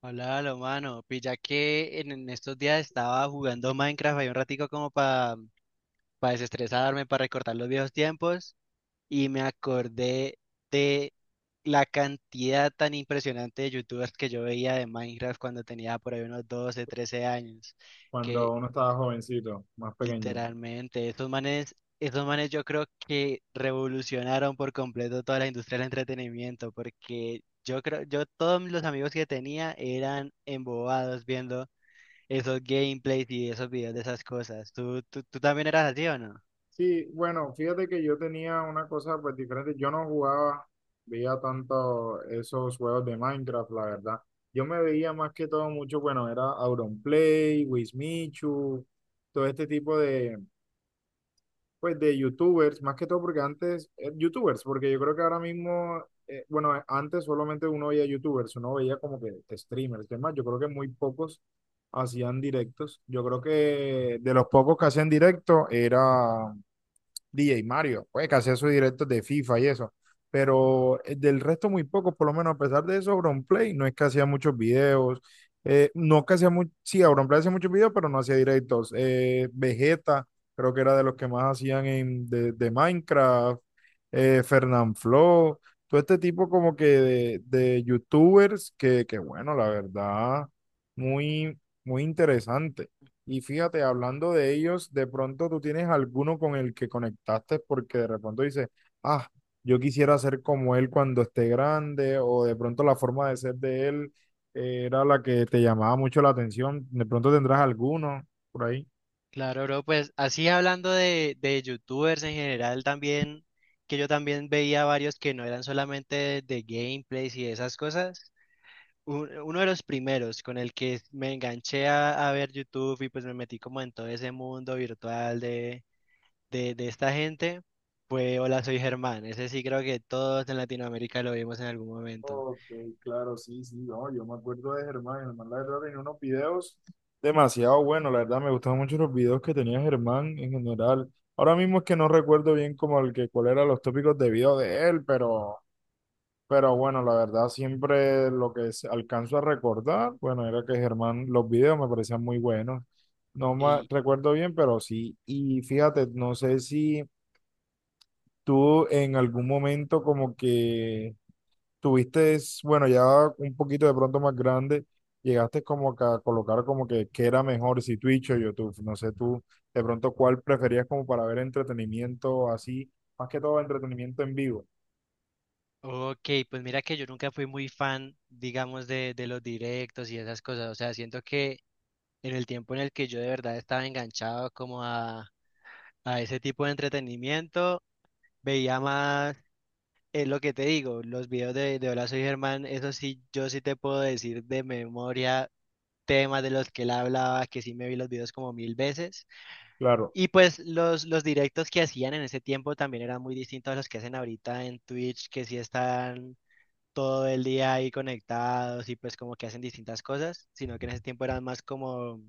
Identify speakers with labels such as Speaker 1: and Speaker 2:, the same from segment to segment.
Speaker 1: Hola, lo mano. Pilla que en estos días estaba jugando Minecraft ahí un ratico como para desestresarme, para recortar los viejos tiempos y me acordé de la cantidad tan impresionante de youtubers que yo veía de Minecraft cuando tenía por ahí unos 12, 13 años,
Speaker 2: Cuando
Speaker 1: que
Speaker 2: uno estaba jovencito, más pequeño.
Speaker 1: literalmente esos manes yo creo que revolucionaron por completo toda la industria del entretenimiento, porque yo creo, yo todos los amigos que tenía eran embobados viendo esos gameplays y esos videos de esas cosas. ¿Tú también eras así o no?
Speaker 2: Sí, bueno, fíjate que yo tenía una cosa pues diferente. Yo no jugaba, veía tanto esos juegos de Minecraft, la verdad. Yo me veía más que todo mucho, bueno, era Auronplay, Wismichu, todo este tipo de, pues de youtubers, más que todo porque antes, youtubers, porque yo creo que ahora mismo, bueno, antes solamente uno veía youtubers, uno veía como que streamers, demás, yo creo que muy pocos hacían directos. Yo creo que de los pocos que hacían directo era DJ Mario, pues que hacía sus directos de FIFA y eso. Pero del resto muy pocos, por lo menos a pesar de eso, Auronplay no es que hacía muchos videos. No que hacía mucho, sí, Auronplay hacía muchos videos, pero no hacía directos. Vegeta, creo que era de los que más hacían de Minecraft. Fernanfloo, todo este tipo como que de youtubers que bueno, la verdad, muy interesante. Y fíjate, hablando de ellos, de pronto tú tienes alguno con el que conectaste porque de pronto dices, ah, yo quisiera ser como él cuando esté grande, o de pronto la forma de ser de él era la que te llamaba mucho la atención. De pronto tendrás alguno por ahí.
Speaker 1: Claro, bro, pues así hablando de youtubers en general también, que yo también veía varios que no eran solamente de gameplays y esas cosas. Uno de los primeros con el que me enganché a ver YouTube y pues me metí como en todo ese mundo virtual de esta gente fue Hola, soy Germán. Ese sí creo que todos en Latinoamérica lo vimos en algún momento.
Speaker 2: Ok, claro, sí, sí, no, yo me acuerdo de Germán. Germán la verdad tenía unos videos demasiado buenos, la verdad me gustaban mucho los videos que tenía Germán en general. Ahora mismo es que no recuerdo bien como el que cuál eran los tópicos de video de él, pero bueno, la verdad, siempre lo que alcanzo a recordar, bueno, era que Germán, los videos me parecían muy buenos. No me recuerdo bien, pero sí. Y fíjate, no sé si tú en algún momento como que tuviste, bueno, ya un poquito de pronto más grande, llegaste como que a colocar como que qué era mejor, si Twitch o YouTube. No sé tú, de pronto cuál preferías como para ver entretenimiento así, más que todo entretenimiento en vivo.
Speaker 1: Ok, pues mira que yo nunca fui muy fan, digamos, de los directos y esas cosas. O sea, siento que en el tiempo en el que yo de verdad estaba enganchado como a ese tipo de entretenimiento, veía más, es lo que te digo, los videos de Hola Soy Germán. Eso sí, yo sí te puedo decir de memoria temas de los que él hablaba, que sí me vi los videos como mil veces.
Speaker 2: Claro,
Speaker 1: Y pues los directos que hacían en ese tiempo también eran muy distintos a los que hacen ahorita en Twitch, que sí están todo el día ahí conectados y pues como que hacen distintas cosas, sino que en ese tiempo eran más como,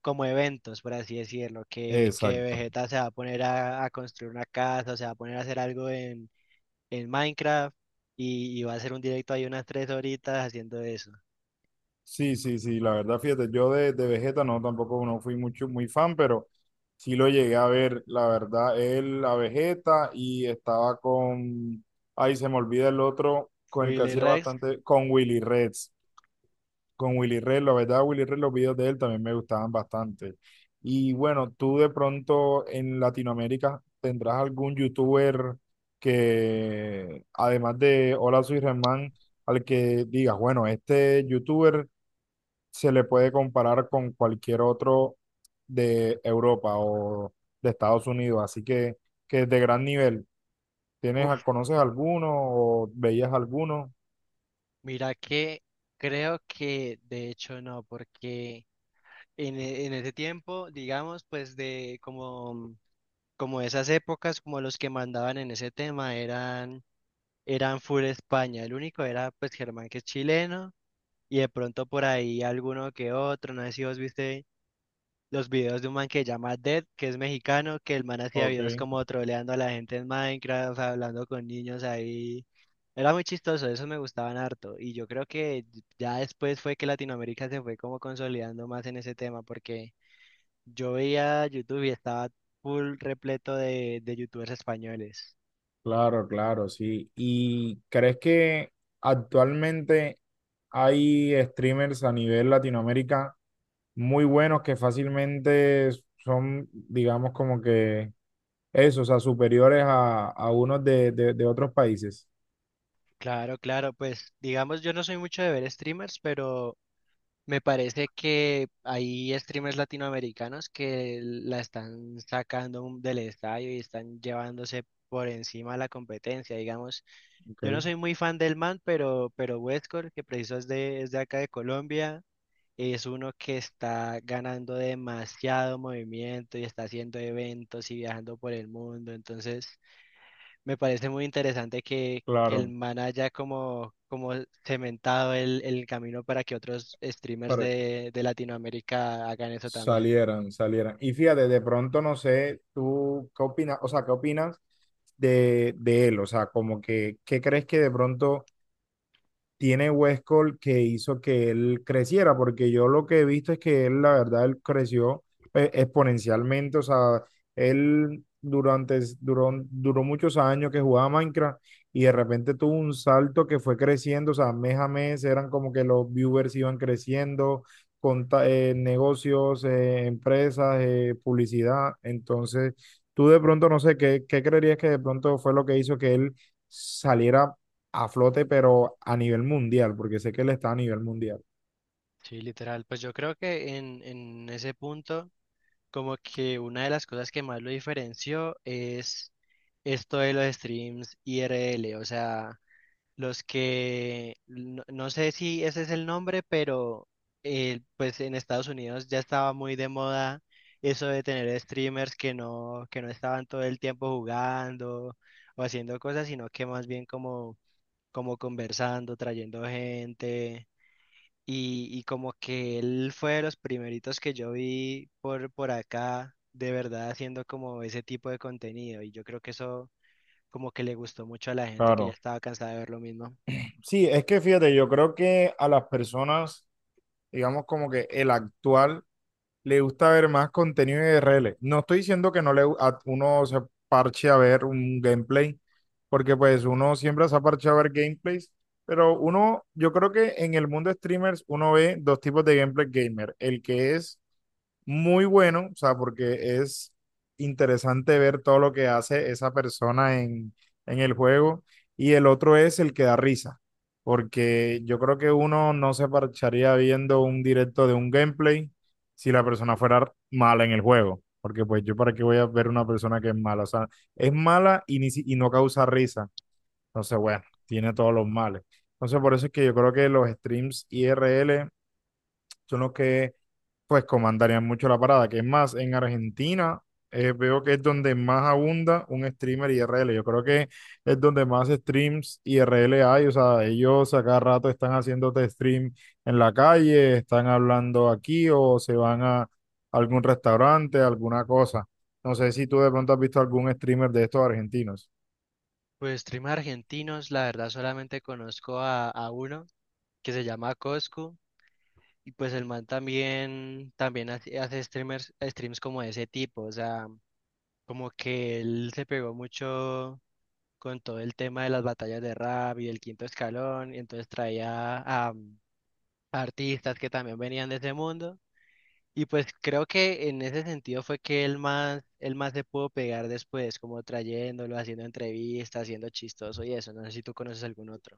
Speaker 1: como eventos, por así decirlo, que
Speaker 2: exacto.
Speaker 1: Vegeta se va a poner a construir una casa, o se va a poner a hacer algo en Minecraft y va a hacer un directo ahí unas tres horitas haciendo eso.
Speaker 2: Sí, sí, sí, la verdad, fíjate, yo de Vegeta no, tampoco no fui mucho, muy fan, pero sí lo llegué a ver, la verdad, él a Vegeta y estaba con, ay, se me olvida el otro, con el que
Speaker 1: Willy
Speaker 2: hacía
Speaker 1: Rex,
Speaker 2: bastante, con Willy Reds, la verdad, Willy Reds, los videos de él también me gustaban bastante. Y bueno, tú de pronto en Latinoamérica tendrás algún youtuber que, además de Hola Soy Germán, al que digas, bueno, este youtuber se le puede comparar con cualquier otro de Europa o de Estados Unidos. Así que es de gran nivel. ¿Tienes,
Speaker 1: uff,
Speaker 2: conoces alguno o veías alguno?
Speaker 1: mira que creo que de hecho no, porque en ese tiempo, digamos, pues de como... Como esas épocas, como los que mandaban en ese tema eran full España. El único era pues Germán, que es chileno, y de pronto por ahí alguno que otro. No sé si vos viste los videos de un man que se llama Dead, que es mexicano, que el man hacía
Speaker 2: Ok,
Speaker 1: videos como troleando a la gente en Minecraft, o sea, hablando con niños ahí. Era muy chistoso, esos me gustaban harto. Y yo creo que ya después fue que Latinoamérica se fue como consolidando más en ese tema, porque yo veía YouTube y estaba full repleto de youtubers españoles.
Speaker 2: claro, claro, sí. ¿Y crees que actualmente hay streamers a nivel Latinoamérica muy buenos que fácilmente son, digamos, como que eso, o sea, superiores a unos de otros países?
Speaker 1: Claro, claro, pues digamos, yo no soy mucho de ver streamers, pero me parece que hay streamers latinoamericanos que la están sacando del estadio y están llevándose por encima la competencia, digamos.
Speaker 2: Ok,
Speaker 1: Yo no soy muy fan del man, pero Westcor, que preciso es de acá de Colombia, es uno que está ganando demasiado movimiento y está haciendo eventos y viajando por el mundo, entonces... Me parece muy interesante que el
Speaker 2: claro.
Speaker 1: man haya como, como cementado el camino para que otros streamers
Speaker 2: Pare-
Speaker 1: de Latinoamérica hagan eso también.
Speaker 2: Salieran, salieran. Y fíjate, de pronto no sé, tú qué opinas, o sea, qué opinas de él, o sea, como que, ¿qué crees que de pronto tiene Westcol que hizo que él creciera? Porque yo lo que he visto es que él, la verdad, él creció exponencialmente, o sea, él durante, duró, duró muchos años que jugaba Minecraft y de repente tuvo un salto que fue creciendo, o sea, mes a mes eran como que los viewers iban creciendo, negocios, empresas, publicidad. Entonces tú de pronto, no sé, ¿qué, qué creerías que de pronto fue lo que hizo que él saliera a flote, pero a nivel mundial, porque sé que él está a nivel mundial?
Speaker 1: Sí, literal. Pues yo creo que en ese punto, como que una de las cosas que más lo diferenció es esto de los streams IRL. O sea, los que, no, no sé si ese es el nombre, pero pues en Estados Unidos ya estaba muy de moda eso de tener streamers que no estaban todo el tiempo jugando o haciendo cosas, sino que más bien como, como conversando, trayendo gente. Y como que él fue de los primeritos que yo vi por acá, de verdad haciendo como ese tipo de contenido. Y yo creo que eso como que le gustó mucho a la gente que ya
Speaker 2: Claro.
Speaker 1: estaba cansada de ver lo mismo.
Speaker 2: Sí, es que fíjate, yo creo que a las personas, digamos como que el actual, le gusta ver más contenido de RL. No estoy diciendo que no le a uno se parche a ver un gameplay, porque pues uno siempre se ha parcheado a ver gameplays, pero uno, yo creo que en el mundo de streamers uno ve dos tipos de gameplay gamer, el que es muy bueno, o sea, porque es interesante ver todo lo que hace esa persona en el juego. Y el otro es el que da risa, porque yo creo que uno no se parcharía viendo un directo de un gameplay si la persona fuera mala en el juego. Porque pues yo para qué voy a ver una persona que es mala. O sea, es mala y, ni si- y no causa risa. Entonces, bueno, tiene todos los males. Entonces, por eso es que yo creo que los streams IRL son los que pues comandarían mucho la parada. Que es más, en Argentina veo que es donde más abunda un streamer IRL. Yo creo que es donde más streams IRL hay. O sea, ellos a cada rato están haciéndote stream en la calle, están hablando aquí o se van a algún restaurante, alguna cosa. No sé si tú de pronto has visto algún streamer de estos argentinos.
Speaker 1: Pues streamers argentinos, la verdad solamente conozco a uno que se llama Coscu y pues el man también, también hace streamers, streams como de ese tipo, o sea, como que él se pegó mucho con todo el tema de las batallas de rap y el quinto escalón y entonces traía a artistas que también venían de ese mundo. Y pues creo que en ese sentido fue que él más se pudo pegar después, como trayéndolo, haciendo entrevistas, haciendo chistoso y eso. No sé si tú conoces algún otro.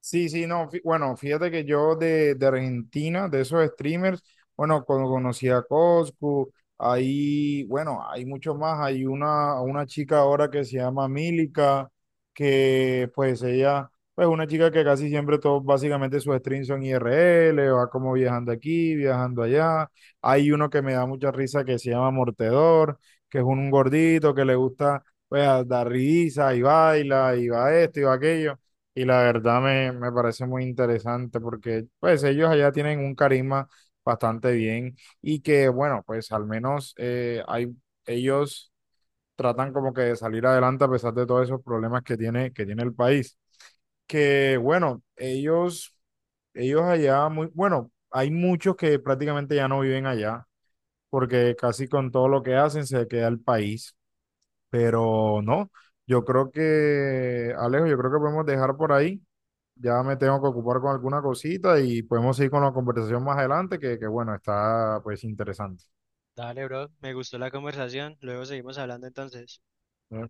Speaker 2: Sí, sí, no, bueno, fíjate que yo de Argentina, de esos streamers, bueno, cuando conocí a Coscu, ahí, bueno, hay mucho más, hay una chica ahora que se llama Milica, que pues ella, pues una chica que casi siempre todos, básicamente sus streams son IRL, va como viajando aquí, viajando allá, hay uno que me da mucha risa que se llama Mortedor, que es un gordito que le gusta, pues, dar risa y baila, y va esto y va aquello. Y la verdad me parece muy interesante porque pues ellos allá tienen un carisma bastante bien y que bueno, pues al menos ellos tratan como que de salir adelante a pesar de todos esos problemas que tiene el país. Que bueno, ellos allá muy, bueno, hay muchos que prácticamente ya no viven allá porque casi con todo lo que hacen se queda el país, pero no, yo creo que, Alejo, yo creo que podemos dejar por ahí. Ya me tengo que ocupar con alguna cosita y podemos seguir con la conversación más adelante, que bueno, está pues interesante.
Speaker 1: Dale, bro, me gustó la conversación. Luego seguimos hablando entonces.
Speaker 2: ¿Eh?